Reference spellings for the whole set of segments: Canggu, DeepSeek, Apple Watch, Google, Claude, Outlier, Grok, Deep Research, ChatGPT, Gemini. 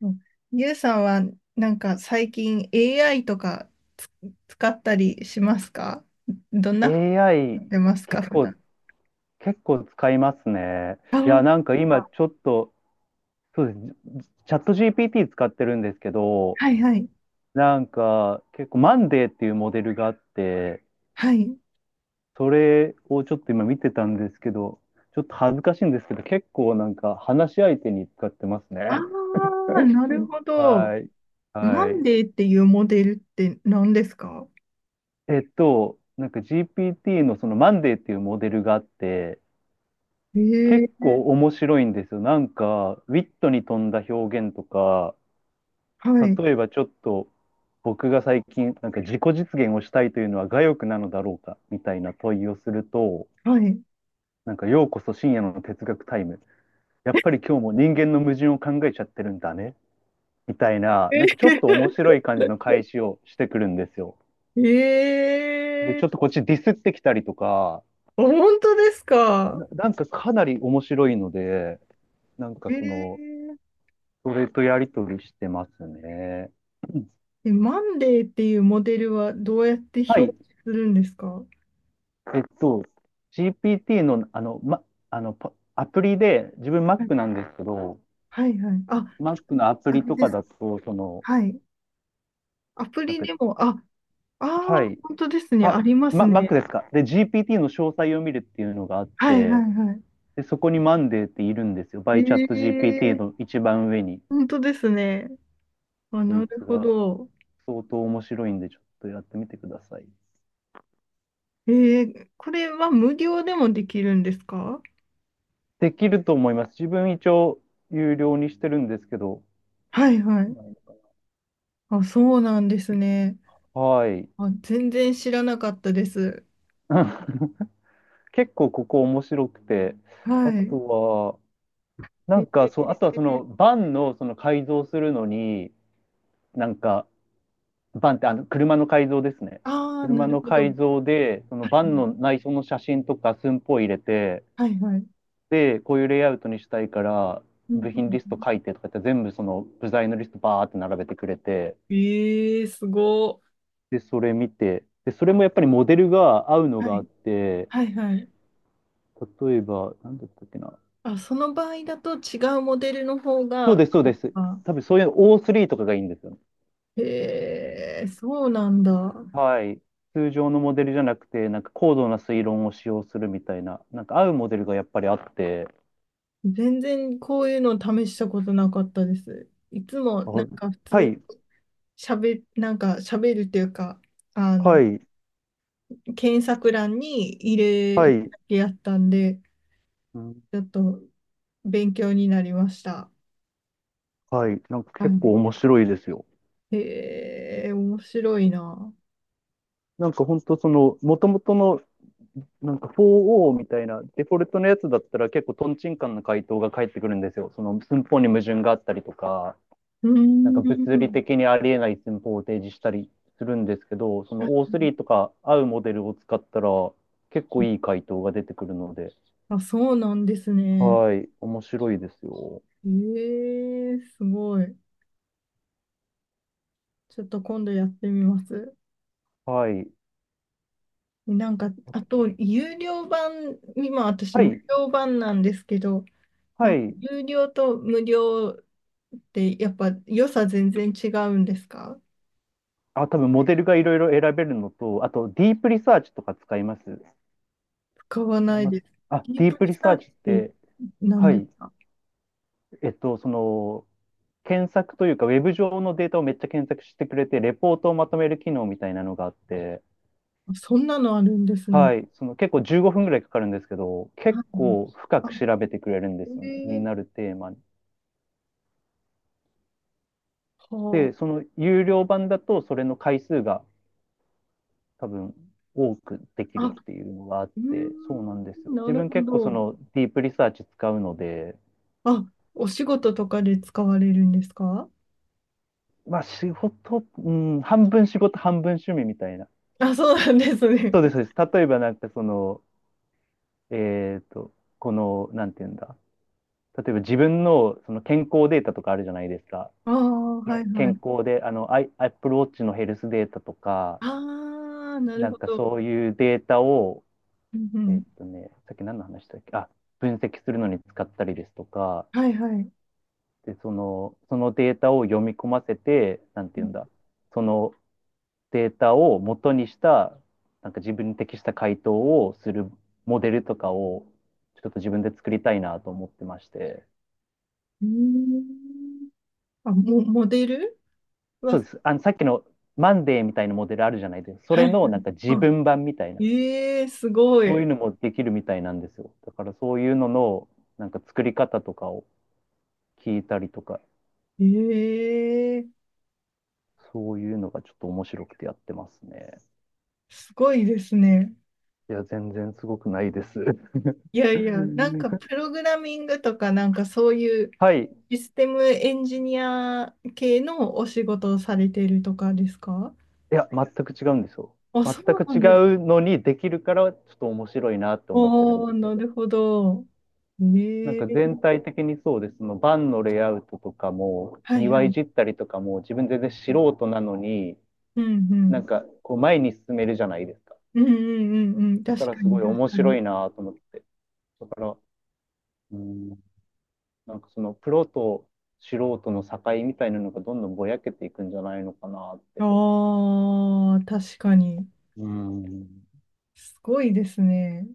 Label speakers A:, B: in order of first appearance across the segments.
A: うん。ゆうさんはなんか最近 AI とかつ使ったりしますか？どんなふうに
B: AI
A: 使ってますか
B: 結
A: 普
B: 構、
A: 段。
B: 結構使いますね。
A: あ、
B: いや、なんか今
A: あ、
B: ちょっと、そうです。チャット GPT 使ってるんですけど、
A: はいはい。
B: なんか結構マンデーっていうモデルがあって、
A: はい。
B: それをちょっと今見てたんですけど、ちょっと恥ずかしいんですけど、結構なんか話し相手に使ってますね。
A: ああ、なるほど。
B: はい。
A: マ
B: は
A: ン
B: い。
A: デーっていうモデルって何ですか？
B: なんか GPT のそのマンデーっていうモデルがあって、
A: え
B: 結
A: え、
B: 構面白いんですよ。なんか、ウィットに富んだ表現とか、
A: はい、
B: 例えばちょっと、僕が最近、なんか自己実現をしたいというのは我欲なのだろうか、みたいな問いをすると、
A: はい。
B: なんか、ようこそ深夜の哲学タイム。やっぱり今日も人間の矛盾を考えちゃってるんだね、みたいな、
A: え
B: なんかちょっと面 白い感じの返しをしてくるんですよ。で、
A: え、
B: ちょっとこっちディスってきたりとか、
A: あ、本当ですか？
B: なんかかなり面白いので、なんか
A: え、
B: その、
A: え
B: それとやりとりしてますね。うん。
A: え、マンデーっていうモデルはどうやって表
B: は
A: 示
B: い。
A: するんですか？はい
B: えっと、GPT の、パアプリで、自分 Mac なんですけど、
A: はいはい。あ、
B: Mac のアプ
A: あ
B: リ
A: れ
B: と
A: で
B: か
A: す。
B: だと、その、
A: はい。アプ
B: なん
A: リ
B: か、
A: でも、あ、ああ、
B: はい。
A: 本当ですね。あ
B: あ、
A: ります
B: ま、Mac
A: ね。
B: ですか。で、GPT の詳細を見るっていうのがあっ
A: はいは
B: て、
A: いはい。
B: で、そこにマンデーっているんですよ。バイチャット GPT
A: え
B: の
A: え、
B: 一番上に。
A: 本当ですね。あ、
B: こ
A: な
B: い
A: る
B: つ
A: ほ
B: が
A: ど。
B: 相当面白いんで、ちょっとやってみてください。
A: ええ、これは無料でもできるんですか？
B: できると思います。自分一応有料にしてるんですけど、
A: はいはい。あ、そうなんですね。
B: はい。
A: あ、全然知らなかったです。
B: 結構ここ面白くて、あ
A: はい。
B: とは、な
A: え
B: んかそう、あとはそ
A: え、
B: のバンのその改造するのに、なんか、バンってあの車の改造ですね。
A: ああ、な
B: 車
A: る
B: の
A: ほど。は
B: 改造で、そのバンの
A: い
B: 内装の写真とか寸法入れて、
A: はいはい。
B: で、こういうレイアウトにしたいから、
A: うん
B: 部
A: う
B: 品
A: ん
B: リスト
A: う
B: 書いてとか言って全部その部材のリストバーって並べてくれて、
A: ん、ええ、すご。
B: で、それ見て、で、それもやっぱりモデルが合うの
A: は
B: があっ
A: い
B: て、
A: はいはい。
B: 例えば、なんだったっけな。
A: あ、その場合だと違うモデルの方
B: そう
A: が、
B: です、そうです。
A: あ、
B: 多分そういう O3 とかがいいんですよね。
A: へえ、そうなんだ。
B: はい。通常のモデルじゃなくて、なんか高度な推論を使用するみたいな、なんか合うモデルがやっぱりあって、
A: 全然こういうの試したことなかったです。いつも
B: あ、
A: なんか普
B: は
A: 通
B: い、
A: しゃべ、なんか喋るっていうか、あ
B: は
A: の、
B: い、
A: 検索欄に入れ
B: は
A: る
B: い、
A: だけやったんで、
B: うん、
A: ちょっと勉強になりました。
B: はい、なんか結構
A: は
B: 面白いですよ。
A: い、へえ、面白いな。
B: なんか本当その、もともとの、なんか 4O みたいなデフォルトのやつだったら結構トンチンカンな回答が返ってくるんですよ。その寸法に矛盾があったりとか、
A: う
B: なん
A: ー
B: か物理
A: ん。
B: 的にありえない寸法を提示したりするんですけど、その O3 とか合うモデルを使ったら結構いい回答が出てくるので、
A: あ、そうなんですね。
B: はい、面白いですよ。
A: ええ、すごい。ちょっと今度やってみます。
B: はい。
A: なんか、あと、有料版、今私
B: は
A: 無
B: い。
A: 料版なんですけど、な
B: は
A: んか
B: い。
A: 有料と無料ってやっぱ良さ全然違うんですか？
B: あ、多分モデルがいろいろ選べるのと、あとディープリサーチとか使います。
A: 使わ
B: あ、
A: ない
B: ま、
A: です。
B: あ、
A: ディー
B: ディー
A: プ
B: プ
A: リ
B: リ
A: サ
B: サー
A: ーチ
B: チっ
A: って
B: て、
A: 何
B: は
A: です
B: い。
A: か？
B: その、検索というか、ウェブ上のデータをめっちゃ検索してくれて、レポートをまとめる機能みたいなのがあって、
A: そんなのあるんですね。
B: はい、その結構15分ぐらいかかるんですけど、
A: は
B: 結
A: い。
B: 構深
A: あ、
B: く調べてくれるんですよね、気に
A: え
B: な
A: え、
B: るテーマに。で、
A: は
B: その有料版だと、それの回数が多分多くでき
A: あ。あ、
B: る
A: う
B: っていうのがあっ
A: ー
B: て、そうなんですよ。
A: ん、な
B: 自
A: る
B: 分
A: ほ
B: 結構そ
A: ど。
B: のディープリサーチ使うので、
A: あ、お仕事とかで使われるんですか？
B: まあ仕事、うん、半分仕事、半分趣味みたいな。
A: あ、そうなんですね。
B: そうです、そうです。例えばなんかその、えっと、この、なんていうんだ。例えば自分のその健康データとかあるじゃないですか。
A: ああ、
B: け
A: はいは
B: ん健
A: い。
B: 康で、あの、Apple Watch のヘルスデータとか、
A: ああ、なる
B: なん
A: ほ
B: か
A: ど。
B: そういうデータを、
A: うんうん。
B: さっき何の話したっけあ、分析するのに使ったりですとか、
A: はいはい。
B: で、その、データを読み込ませて、なん
A: う
B: ていうん
A: ん、
B: だ、そのデータを元にした、なんか自分に適した回答をするモデルとかを、ちょっと自分で作りたいなと思ってまして。
A: うーん、あ、も、モデル
B: そ
A: は、
B: うです。あの、さっきのマンデーみたいなモデルあるじゃないですか。そ
A: は
B: れ
A: い。
B: のなんか自
A: あ、
B: 分版みたいな。
A: ええ、すご
B: そういう
A: い。
B: のもできるみたいなんですよ。だからそういうのの、なんか作り方とかを聞いたりとか、
A: ええ、
B: そういうのがちょっと面白くてやってますね。
A: すごいですね。
B: いや、全然すごくないです。
A: いやいや、なんかプログラミングとか、なんかそういう
B: はい。い
A: システムエンジニア系のお仕事をされているとかですか？
B: や、全く違うんですよ。
A: あ、
B: 全
A: そう
B: く
A: なんで
B: 違う
A: す。
B: のにできるから、ちょっと面白いなって思ってるん
A: お
B: で
A: ー、
B: すよ。
A: なるほど。
B: なん
A: え
B: か
A: え、
B: 全体的にそうです。そのバンのレイアウトとかも、
A: はい
B: 庭
A: は
B: い
A: い。
B: じったりとかも、自分全然素人なのに、
A: うんう
B: な
A: ん。
B: んかこう前に進めるじゃないですか。
A: うんうんうんうん。
B: だ
A: 確
B: から
A: か
B: す
A: に
B: ごい
A: 確
B: 面
A: か
B: 白
A: に。
B: いなと思って。だから、うん、なんかそのプロと素人の境みたいなのがどんどんぼやけていくんじゃないのかなって。
A: ああ、確かに。
B: うん。
A: すごいですね。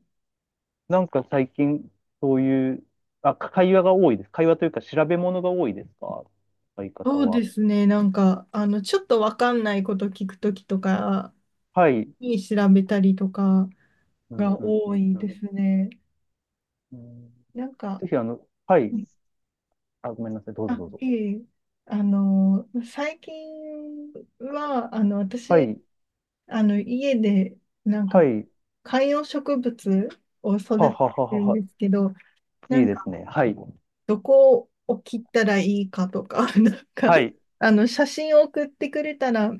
B: なんか最近、そういう、会話が多いです。会話というか調べ物が多いですか、相方
A: そう
B: は。
A: ですね。なんか、あの、ちょっとわかんないこと聞くときとか
B: はい。
A: に調べたりとか
B: うん、
A: が
B: うん、う
A: 多
B: ん、
A: い
B: う
A: で
B: ん。
A: すね。
B: うん。
A: なんか、
B: ぜひ、あの、はい。あ、ごめんなさい。どうぞ
A: あ、
B: どうぞ。
A: いえ、あの、最近は、あの、
B: は
A: 私、
B: い。
A: あの、家で、なん
B: は
A: か、
B: い。
A: 観葉植物を育
B: は
A: て
B: はは
A: て
B: は
A: るん
B: は。
A: ですけど、な
B: いい
A: ん
B: ですね。はい。
A: どこを切ったらいいかとか、なんか、
B: はい。
A: あの、写真を送ってくれたら、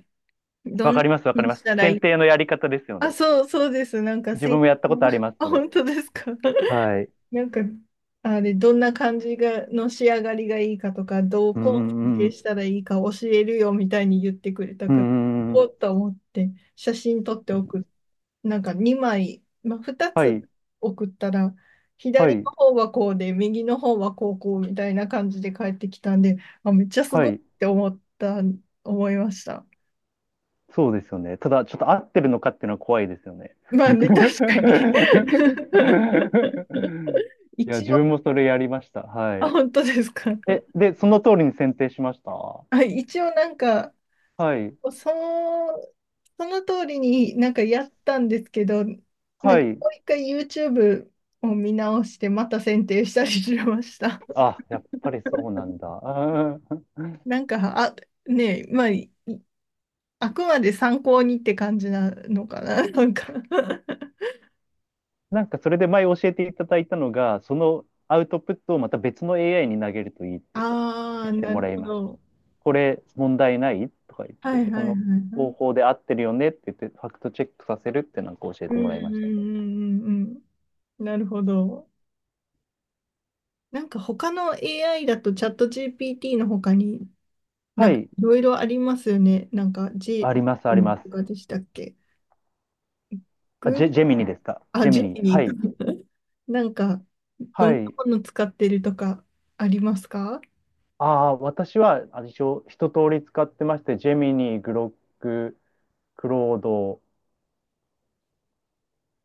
A: ど
B: わ
A: ん
B: か
A: な
B: ります、わか
A: 風
B: り
A: に
B: ま
A: し
B: す。
A: たらい
B: 選
A: い、
B: 定のやり方ですよ
A: あ、
B: ね。
A: そう、そうです。なんか、
B: 自分もやったことあり ます、
A: あ、
B: それ。
A: 本当ですか。
B: はい。
A: なんか、あれ、どんな感じが、の仕上がりがいいかとか、どう
B: うんう
A: こを設
B: んう
A: 定
B: ん。
A: したらいいか教えるよみたいに言ってくれた
B: うん
A: から、
B: うんう
A: お
B: ん。
A: っと思って、写真撮ってなんか2枚、まあ、2
B: は
A: つ
B: い。
A: 送ったら、
B: は
A: 左の
B: い。
A: 方はこうで、右の方はこうこうみたいな感じで帰ってきたんで、あ、めっちゃす
B: は
A: ごいっ
B: い。
A: て思った、思いました。
B: そうですよね。ただ、ちょっと合ってるのかっていうのは怖いですよね。
A: まあ ね、確かに。
B: いや、
A: 一
B: 自
A: 応、
B: 分もそれやりました。は
A: あ、
B: い。
A: 本当ですか。
B: え、で、その通りに選定しました。は
A: あ、一応なんか、
B: い。
A: その、その通りになんかやったんですけど、なん
B: は
A: か
B: い。
A: もう一回 YouTube を見直して、また選定したりしました。
B: あ、やっぱりそうなんだ。うん。
A: なんか、あ、ねえ、まあ、あくまで参考にって感じなのかな、なんか。
B: なんかそれで前教えていただいたのが、そのアウトプットをまた別の AI に投げるといいって
A: あ
B: 教
A: あ、
B: えて
A: な
B: も
A: る
B: らい
A: ほ
B: ました。
A: ど。
B: これ問題ないとか言っ
A: は
B: て、
A: いは
B: こ
A: いはい
B: の
A: は
B: 方
A: い。
B: 法で合ってるよねって言って、ファクトチェックさせるってなんか教え
A: う
B: て
A: んう
B: もらいましたね。
A: んうんうんうん。なるほど。なんか他の AI だとチャット GPT の他にな
B: は
A: んか
B: い、
A: いろいろありますよね。なんか
B: あ
A: G
B: ります、あります。
A: とかでしたっけ？
B: あ、ジェ、ジ
A: Google、
B: ェミニですか。
A: あ、
B: ジェミ
A: ジェ
B: ニ。
A: ミ
B: は
A: ニーか。
B: い、
A: なんかど
B: は
A: んな
B: い。
A: もの使ってるとかありますか？
B: ああ、私は、あ、一応、一通り使ってまして、ジェミニ、グロック、クロード、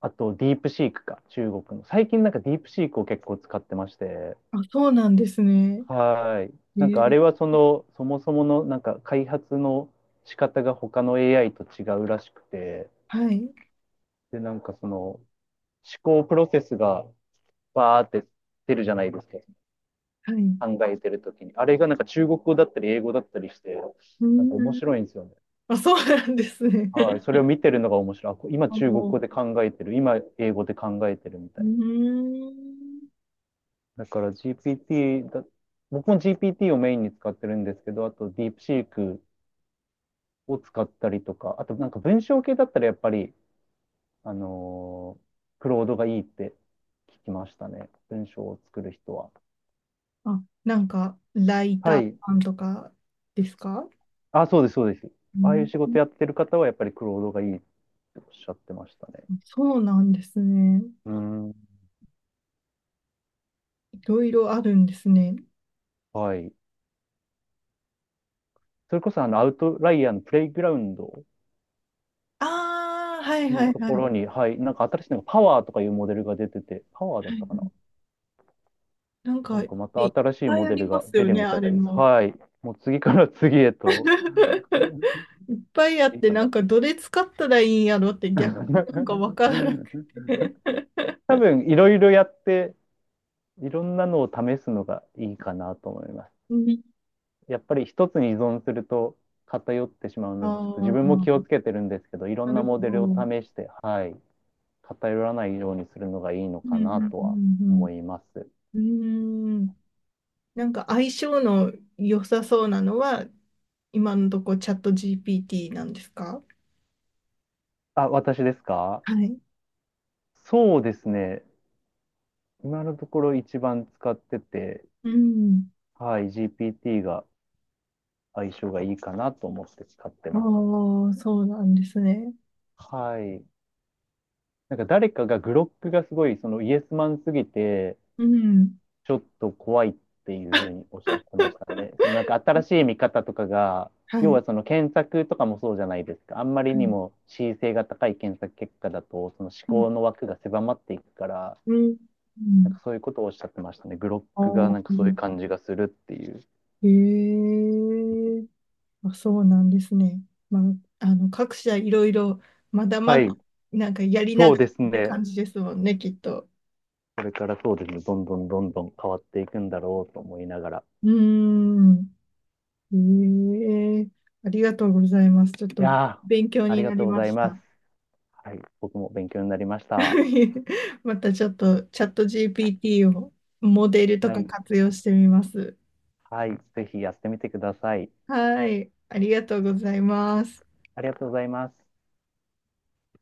B: あと、ディープシークか、中国の。最近なんかディープシークを結構使ってまして、
A: あ、そうなんですね。
B: はい。
A: え
B: なんかあ
A: ー、
B: れはその、そもそものなんか開発の仕方が他の AI と違うらしくて、
A: はい。
B: で、なんかその思考プロセスがバーって出るじゃないですか。
A: はい。う
B: 考えてるときに。あれがなんか中国語だったり英語だったりして、
A: ー
B: なんか面
A: ん、
B: 白いんですよね。
A: あ、そうなんですね。
B: はい。それを 見てるのが面白い。今
A: あ
B: 中国語
A: の、
B: で考えてる。今英語で考えてるみた
A: うー
B: い
A: ん。
B: な。だから GPT だ、僕も GPT をメインに使ってるんですけど、あとディープシークを使ったりとか、あとなんか文章系だったらやっぱり、あのークロードがいいって聞きましたね。文章を作る人は。
A: あ、なんか、ライ
B: は
A: ター
B: い。
A: さんとかですか？う
B: あ、そうです、そうです。ああいう仕事
A: ん。
B: やってる方はやっぱりクロードがいいっておっしゃってましたね。
A: そうなんですね。
B: うん。
A: いろいろあるんですね。
B: はい。それこそあのアウトライアーのプレイグラウンド
A: ああ、はいは
B: の
A: い
B: と
A: は
B: ころ
A: い。
B: に、はい、なんか新しいのがパワーとかいうモデルが出てて、パワーだっ
A: はいは
B: たかな。
A: い、なん
B: な
A: か、
B: ん
A: いっ
B: かまた新しい
A: ぱい
B: モ
A: あ
B: デ
A: り
B: ル
A: ま
B: が
A: す
B: 出
A: よ
B: る
A: ね、
B: み
A: あ
B: たい
A: れ
B: です。
A: も。
B: はい。もう次から次へと。
A: いっぱいあって、なんか、どれ使ったらいいんやろって逆になんかわ からなくて。
B: 多分いろいろやって、いろんなのを試すのがいいかなと思います。
A: うん、
B: やっぱり一つに依存すると偏ってしまう
A: あ
B: ので、ちょっと自分も気を
A: あ、
B: つけてるんですけど、いろ
A: な
B: んな
A: るほ
B: モデ
A: ど。
B: ルを
A: うん
B: 試して、はい、偏らないようにするのがいいの
A: う
B: かな
A: ん
B: と
A: う
B: は
A: ん
B: 思います。
A: うん。うーん。なんか相性の良さそうなのは、今のとこチャット GPT なんですか？
B: あ、私ですか。
A: はい。
B: そうですね。今のところ一番使ってて、
A: うん。
B: はい、GPT が相性がいいかなと思って使って
A: あ
B: ます。
A: あ、そうなんですね。
B: はい。なんか誰かがグロックがすごい、そのイエスマンすぎて、
A: うん。
B: ちょっと怖いっていうふうにおっしゃってました ね。そのなんか新しい見方とかが、
A: はい。
B: 要
A: は
B: はそ
A: い、
B: の検索とかもそうじゃないですか。あんまりにも恣意性が高い検索結果だと、その思
A: うん。
B: 考の枠が狭まっていくから、
A: うん。う
B: なん
A: ん、
B: かそういうことをおっしゃってましたね。グロッ
A: あ
B: クが
A: ー、
B: なんかそういう感じがするっていう。
A: へえ。あ、そうなんですね。まあ、あの、各社いろいろ、まだま
B: は
A: だ、
B: い、
A: なんかやりな
B: そう
A: が
B: で
A: ら
B: す
A: って
B: ね。
A: 感じですもんね、きっと。
B: これからそうですね。どんどんどんどん変わっていくんだろうと思いながら。
A: うーん。ええ、ありがとうございます。ちょっ
B: い
A: と
B: やー、
A: 勉強
B: あり
A: に
B: が
A: な
B: と
A: り
B: うご
A: ま
B: ざい
A: し
B: ます。
A: た。
B: はい、僕も勉強になりました。
A: またちょっとチャット GPT をモデルと
B: は
A: か
B: い、
A: 活用してみます。
B: はい、ぜひやってみてください。
A: はい、ありがとうございます。
B: ありがとうございます。